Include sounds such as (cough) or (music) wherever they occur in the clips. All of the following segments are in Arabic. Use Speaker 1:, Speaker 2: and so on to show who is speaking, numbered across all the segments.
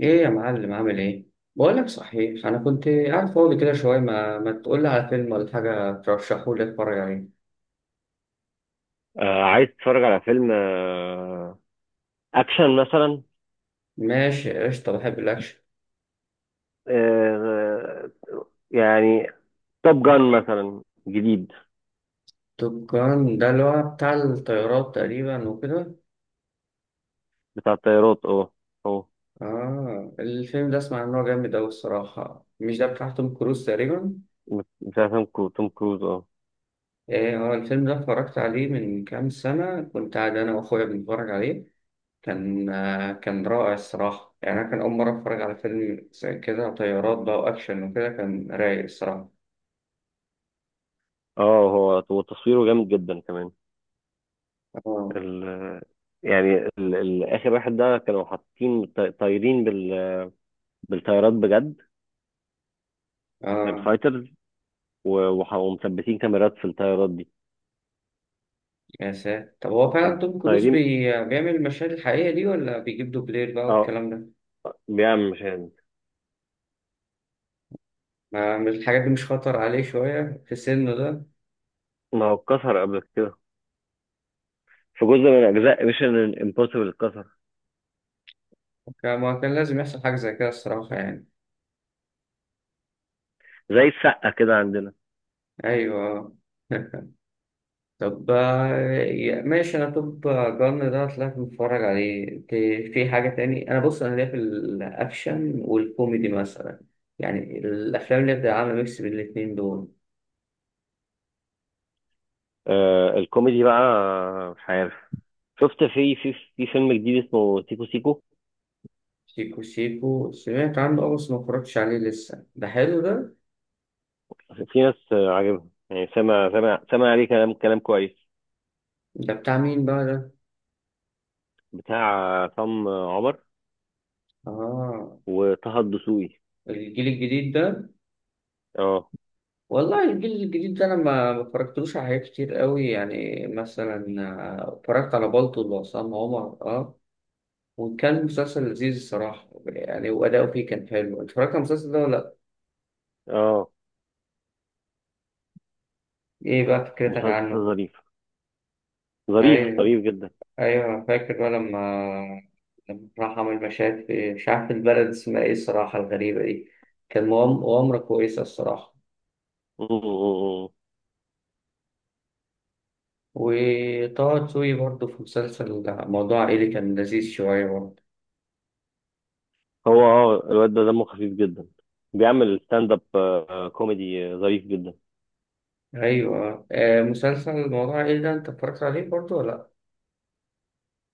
Speaker 1: ايه يا معلم عامل ايه؟ بقول لك صحيح، انا كنت قاعد فاضي كده شويه، ما تقول لي على فيلم ولا حاجه ترشحه لي اتفرج عليه؟
Speaker 2: آه، عايز تتفرج على فيلم اكشن مثلا؟
Speaker 1: ماشي قشطه، بحب الاكشن.
Speaker 2: آه. يعني توب جان مثلا، جديد.
Speaker 1: توب جان ده اللي هو بتاع الطيارات تقريبا وكده.
Speaker 2: بتاع الطيارات، اه. اه.
Speaker 1: اه الفيلم ده اسمع ان هو جامد اوي الصراحه، مش ده بتاع توم كروز تقريبا؟
Speaker 2: بتاع توم كروز، اه.
Speaker 1: ايه هو الفيلم ده اتفرجت عليه من كام سنه، كنت قاعد انا واخويا بنتفرج عليه. كان كان رائع الصراحه، يعني انا كان اول مره اتفرج على فيلم زي كده، طيارات بقى واكشن وكده، كان رايق الصراحه.
Speaker 2: اه. هو تصويره جامد جدا كمان.
Speaker 1: اه.
Speaker 2: ال يعني ال اخر واحد ده كانوا حاطين طايرين بالطيارات بجد.
Speaker 1: اه،
Speaker 2: الفايترز. ومثبتين كاميرات في الطيارات دي.
Speaker 1: يا ساتر، طب هو فعلا توم كروز
Speaker 2: طايرين.
Speaker 1: بيعمل المشاهد الحقيقية دي ولا بيجيب دوبلير بقى
Speaker 2: اه.
Speaker 1: والكلام ده؟
Speaker 2: بيعمل مشاهد.
Speaker 1: ما مش الحاجات دي مش خطر عليه شوية في سنه ده؟
Speaker 2: ما هو اتكسر قبل كده. في جزء من اجزاء ميشن امبوسيبل اتكسر.
Speaker 1: ما كان لازم يحصل حاجة زي كده الصراحة يعني.
Speaker 2: زي السقه كده عندنا.
Speaker 1: أيوه. (laughs) طب ماشي، أنا توب جن ده طلعت متفرج عليه. في حاجة تاني؟ أنا بص، أنا ليا في الأكشن والكوميدي مثلا، يعني الأفلام اللي بتبقى عاملة ميكس بين الاتنين دول.
Speaker 2: آه، الكوميدي بقى. مش عارف. شفت في فيلم جديد اسمه سيكو سيكو.
Speaker 1: شيكو شيكو سمعت عنه اه، بس ما اتفرجتش عليه لسه. ده حلو ده؟
Speaker 2: في ناس، عاجبها. يعني سامع عليه كلام كويس.
Speaker 1: ده بتاع مين بقى ده؟
Speaker 2: بتاع عصام عمر
Speaker 1: اه،
Speaker 2: وطه الدسوقي.
Speaker 1: الجيل الجديد ده.
Speaker 2: اه.
Speaker 1: والله الجيل الجديد ده انا ما اتفرجتلوش على حاجات كتير قوي، يعني مثلا اتفرجت على بالطو وعصام عمر اه، وكان مسلسل لذيذ الصراحة يعني، وأداؤه فيه كان حلو. اتفرجت على المسلسل ده ولا لأ؟
Speaker 2: اه.
Speaker 1: ايه بقى فكرتك
Speaker 2: مسلسل
Speaker 1: عنه؟
Speaker 2: ظريف. ظريف
Speaker 1: ايوه.
Speaker 2: ظريف جدا. (laughs)
Speaker 1: ايوه انا فاكر بقى لما لما راح عمل مشاهد في، مش عارف البلد اسمها ايه الصراحه الغريبه دي، كان مغامره كويسه الصراحه.
Speaker 2: م- م- م. م.
Speaker 1: وطه دسوقي برضه في مسلسل موضوع عائلي، كان لذيذ شويه برضه.
Speaker 2: هو، الواد ده دمه خفيف جدا. بيعمل ستاند اب كوميدي، ظريف جدا.
Speaker 1: ايوه آه، مسلسل موضوع عائلي ده انت اتفرجت عليه برضه ولا؟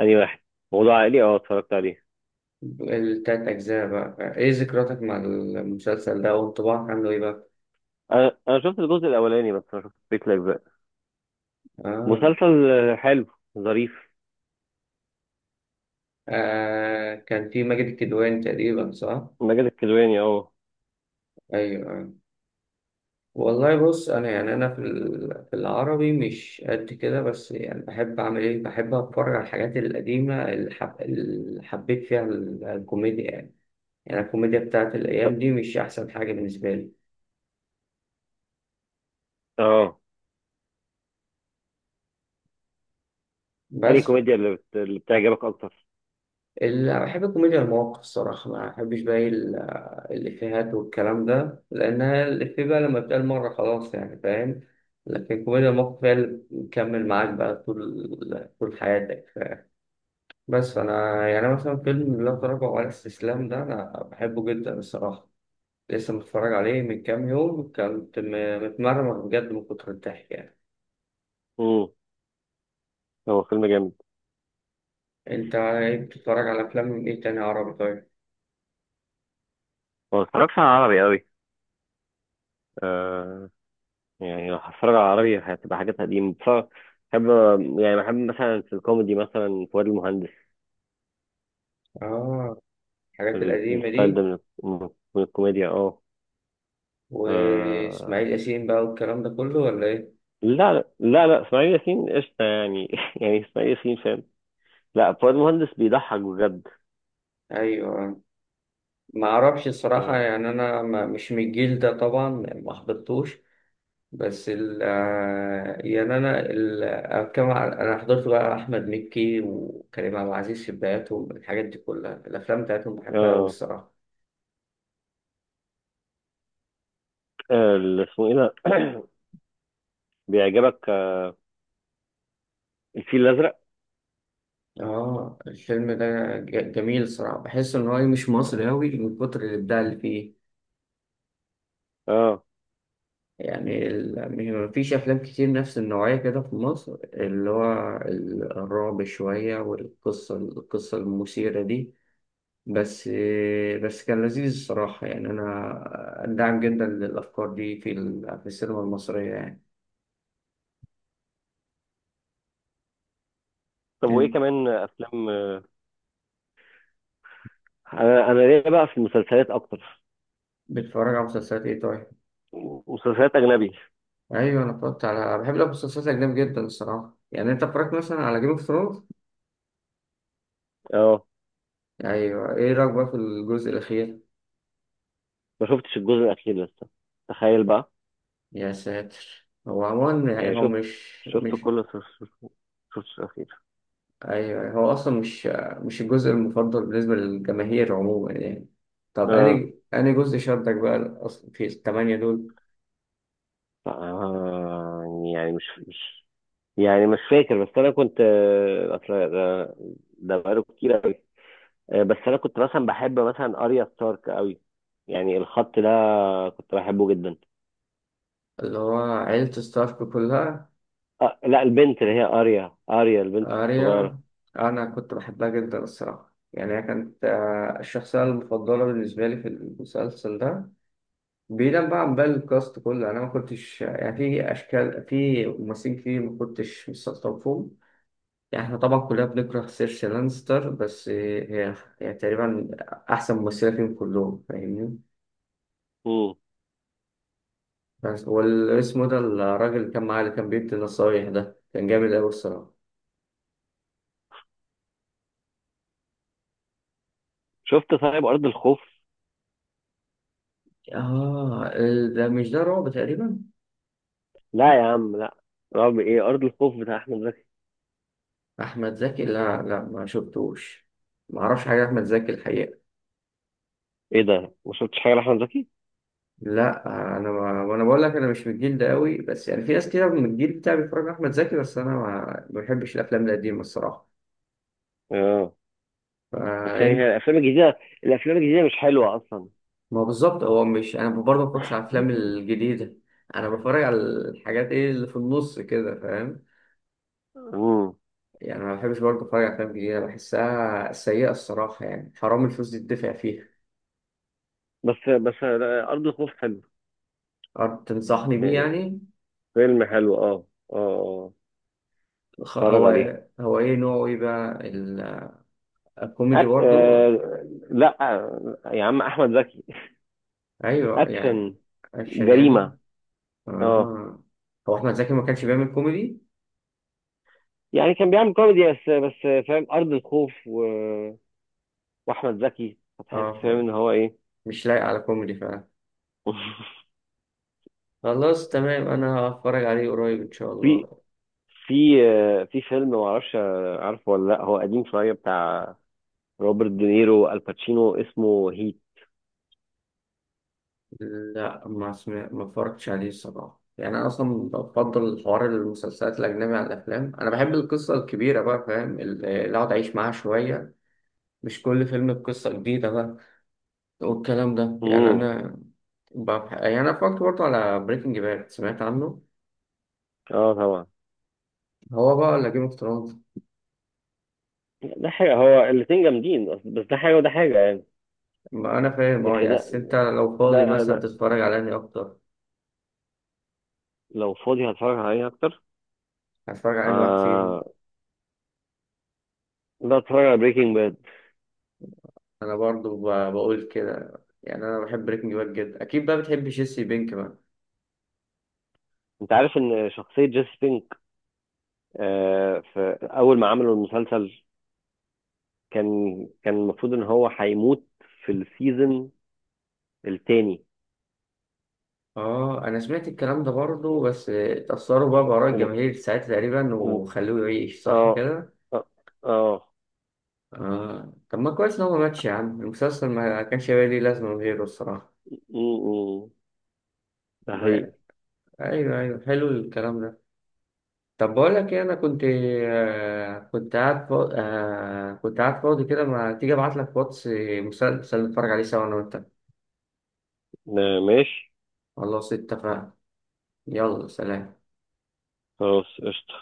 Speaker 2: أنهي واحد؟ موضوع عائلي، اتفرجت عليه.
Speaker 1: لا التلات اجزاء بقى، ايه ذكرياتك مع المسلسل ده وانطباعك عنه ايه بقى؟
Speaker 2: انا شفت الجزء الاولاني، بس ما شفتش بيك لايف بقى.
Speaker 1: آه.
Speaker 2: مسلسل، حلو. ظريف.
Speaker 1: آه كان في ماجد الكدواني تقريبا، صح؟
Speaker 2: ماجد الكدواني، اه.
Speaker 1: ايوه. والله بص انا يعني، انا في في العربي مش قد كده، بس يعني بحب اعمل ايه، بحب اتفرج على الحاجات القديمه اللي حب... اللي حبيت فيها الكوميديا يعني. يعني الكوميديا بتاعت
Speaker 2: طب-
Speaker 1: الايام دي مش احسن حاجه بالنسبه لي.
Speaker 2: اه انهي
Speaker 1: بس
Speaker 2: كوميديا اللي بتعجبك اكتر؟
Speaker 1: اللي بحب الكوميديا المواقف الصراحه، ما بحبش بقى الافيهات والكلام ده، لانها الافيه بقى لما بتقال مره خلاص يعني، فاهم؟ لكن الكوميديا المواقف هي اللي بتكمل معاك بقى طول طول حياتك. بس انا يعني مثلا فيلم لا تراجع ولا استسلام ده انا بحبه جدا الصراحه، لسه متفرج عليه من كام يوم، كنت متمرمر بجد من كتر الضحك يعني.
Speaker 2: امم هو فيلم جامد.
Speaker 1: انت إيه بتتفرج على افلام من ايه تاني عربي طيب؟
Speaker 2: ما بتفرجش على عربي قوي. آه. يعني لو هتفرج على عربي، هتبقى حاجات قديمة بتفرج. بحب. يعني بحب مثلا في الكوميدي مثلا فؤاد المهندس.
Speaker 1: اه الحاجات القديمه
Speaker 2: الستايل ده
Speaker 1: دي،
Speaker 2: من- من الكوميديا، اه.
Speaker 1: واسماعيل
Speaker 2: آه،
Speaker 1: ياسين بقى والكلام ده كله ولا ايه؟
Speaker 2: لا لا لا لا، اسماعيل ياسين قشطة يعني. (laughs) يعني اسماعيل ياسين فاهم. لا، فؤاد مهندس بيضحك بجد.
Speaker 1: ايوه. ما اعرفش الصراحه
Speaker 2: اه.
Speaker 1: يعني، انا ما- مش من الجيل ده طبعا، ما حضرتوش. بس ال يعني أنا أنا حضرت بقى أحمد مكي وكريم عبد العزيز في بداياتهم، الحاجات دي كلها الأفلام بتاعتهم بحبها أوي
Speaker 2: اه.
Speaker 1: الصراحة.
Speaker 2: آه، اللي اسمه ايه ده؟ (coughs) (clears throat) بيعجبك؟ الفيل الازرق.
Speaker 1: آه الفيلم ده جميل الصراحة، بحس إن هو مش مصري أوي من كتر الإبداع اللي فيه.
Speaker 2: اه.
Speaker 1: يعني مفيش أفلام كتير نفس النوعية كده في مصر، اللي هو الرعب شوية، والقصة القصة المثيرة دي. بس. بس كان لذيذ الصراحة يعني، أنا داعم جدا للأفكار دي في في السينما المصرية يعني.
Speaker 2: طب، وايه
Speaker 1: أنت
Speaker 2: كمان افلام؟ انا ليا بقى في المسلسلات اكتر.
Speaker 1: بتتفرج على مسلسلات إيه طيب؟
Speaker 2: مسلسلات اجنبي.
Speaker 1: أيوة أنا اتفرجت على، بحب المسلسلات الأجنبي جدا الصراحة يعني. أنت اتفرجت مثلا على جيم اوف ثرونز؟
Speaker 2: اه.
Speaker 1: أيوة، إيه رأيك بقى في الجزء الأخير؟
Speaker 2: ما شفتش الجزء الاخير لسه. تخيل بقى.
Speaker 1: يا ساتر، هو عموما يعني
Speaker 2: يعني
Speaker 1: هو
Speaker 2: شفت
Speaker 1: مش
Speaker 2: شفت
Speaker 1: مش
Speaker 2: كل شفت شفت الاخير.
Speaker 1: أيوة هو أصلا مش، مش الجزء المفضل بالنسبة للجماهير عموما يعني. طب
Speaker 2: اه.
Speaker 1: أنهي أنهي جزء شدك بقى أصلا في الثمانية دول؟
Speaker 2: آه، يعني مش. يعني مش فاكر، بس انا كنت، اصل، ده بقاله كتير قوي. بس انا كنت مثلا بحب مثلا اريا ستارك قوي. يعني الخط ده كنت بحبه جدا.
Speaker 1: اللي هو عيلة ستارك كلها.
Speaker 2: آه، لا، البنت اللي هي اريا، اريا البنت الصغيره.
Speaker 1: أريا، أنا كنت بحبها جدا الصراحة يعني، هي كانت الشخصية المفضلة بالنسبة لي في المسلسل ده. بعيدا بقى عن باقي الكاست كله، أنا ما كنتش يعني، في أشكال في ممثلين كتير ما كنتش مستلطفهم فيهم. يعني إحنا طبعا كلنا بنكره سيرسي لانستر، بس هي هي تقريبا أحسن ممثلة فيهم كلهم، فاهمني؟
Speaker 2: مم.
Speaker 1: بس والاسم ده الراجل اللي كان معاه اللي كان بيدي النصايح ده كان جامد أوي الصراحة.
Speaker 2: شفت طيب ارض الخوف؟
Speaker 1: اه ده مش ده رعب تقريبا؟
Speaker 2: لا يا عم، لا. رعب ايه، ارض الخوف بتاع احمد زكي.
Speaker 1: احمد زكي، لا لا ما شفتوش، ما اعرفش حاجه احمد زكي الحقيقه.
Speaker 2: ايه ده، ما شفتش حاجه لاحمد زكي؟
Speaker 1: لا، انا ما انا بقول لك، انا مش من الجيل ده قوي، بس يعني في ناس كده من الجيل بتاعي بيتفرجوا على احمد زكي، بس انا ما بحبش الافلام القديمه الصراحه،
Speaker 2: اه. بس يعني، هي
Speaker 1: فإن-
Speaker 2: الافلام الجديده الافلام الجديده مش حلوه اصلا.
Speaker 1: ما هو بالظبط. هو مش انا برضه ما بتفرجش على الافلام
Speaker 2: (laughs)
Speaker 1: الجديده، انا بتفرج على الحاجات ايه اللي في النص كده، فاهم؟
Speaker 2: مم.
Speaker 1: يعني ما بحبش برضه اتفرج على افلام جديده بحسها سيئه الصراحه، يعني حرام الفلوس دي تدفع فيها.
Speaker 2: بس لا، ارض الخوف حلو.
Speaker 1: أه، تنصحني بيه
Speaker 2: يعني
Speaker 1: يعني.
Speaker 2: فيلم حلو، اه. اه، اه. اتفرج
Speaker 1: هو،
Speaker 2: عليه.
Speaker 1: هو ايه نوعه، ايه بقى الكوميدي برضو؟
Speaker 2: لا، يا عم احمد زكي.
Speaker 1: ايوه يعني.
Speaker 2: اكشن.
Speaker 1: اكشن يعني.
Speaker 2: جريمه. اه.
Speaker 1: اه، هو احمد زكي ما كانش بيعمل كوميدي.
Speaker 2: يعني كان بيعمل كوميدي، بس فاهم، ارض الخوف واحمد زكي هتحس فاهم
Speaker 1: اه
Speaker 2: ان هو ايه.
Speaker 1: مش لايق على كوميدي فعلا.
Speaker 2: (laughs)
Speaker 1: خلاص تمام، انا هتفرج عليه قريب ان شاء الله.
Speaker 2: في في فيلم ما اعرفش عارفه ولا لا، هو قديم شويه، بتاع روبرت دينيرو الباتشينو، اسمه هيت.
Speaker 1: لا ما اتفرجتش عليه الصراحه يعني، انا اصلا بفضل حوار المسلسلات الاجنبي عن الافلام، انا بحب القصه الكبيره بقى فاهم، اللي اقعد اعيش معاها شويه، مش كل فيلم بقصه جديده بقى والكلام ده يعني.
Speaker 2: امم.
Speaker 1: انا يعني انا فكرت برضه على بريكنج باد، سمعت عنه؟
Speaker 2: اه، طبعا.
Speaker 1: هو بقى ولا جيم اوف ثرونز؟
Speaker 2: ده حاجه، هو الاتنين جامدين، بس ده حاجه وده حاجه يعني.
Speaker 1: ما انا فاهم اه
Speaker 2: يعني
Speaker 1: يعني، بس انت لو فاضي مثلا
Speaker 2: ده
Speaker 1: تتفرج على انهي اكتر،
Speaker 2: لو فاضي هتفرج عليه اكتر.
Speaker 1: هتتفرج على انهي واحد فيهم؟
Speaker 2: آه. لا، اتفرج على بريكنج باد.
Speaker 1: انا برضه بقول كده، يعني انا بحب بريكنج باد جدا، اكيد بقى بتحب جيسي بينك بقى.
Speaker 2: انت عارف ان شخصية جيسي بينك؟ آه، في اول ما عملوا المسلسل، كان كان المفروض ان هو هيموت في السيزون التاني.
Speaker 1: اه انا سمعت الكلام ده برضه، بس اتأثروا بقى بآراء
Speaker 2: وب...
Speaker 1: الجماهير ساعتها تقريبا
Speaker 2: وب...
Speaker 1: وخلوه يعيش، صح
Speaker 2: اه،
Speaker 1: كده؟
Speaker 2: اه، اه.
Speaker 1: اه طب ما كويس ان هو ما ماتش يا عم، المسلسل ما كانش هيبقى ليه لازمة من غيره الصراحة.
Speaker 2: م- م. ده حقيقي.
Speaker 1: ايوه ايوه حلو الكلام ده. طب بقول لك ايه، انا كنت آه كنت قاعد فاضي، كده، ما تيجي ابعت لك واتس مسلسل نتفرج عليه سوا انا وانت.
Speaker 2: ماشي.
Speaker 1: خلاص اتفقنا. يلا سلام.
Speaker 2: خلاص، قشطة.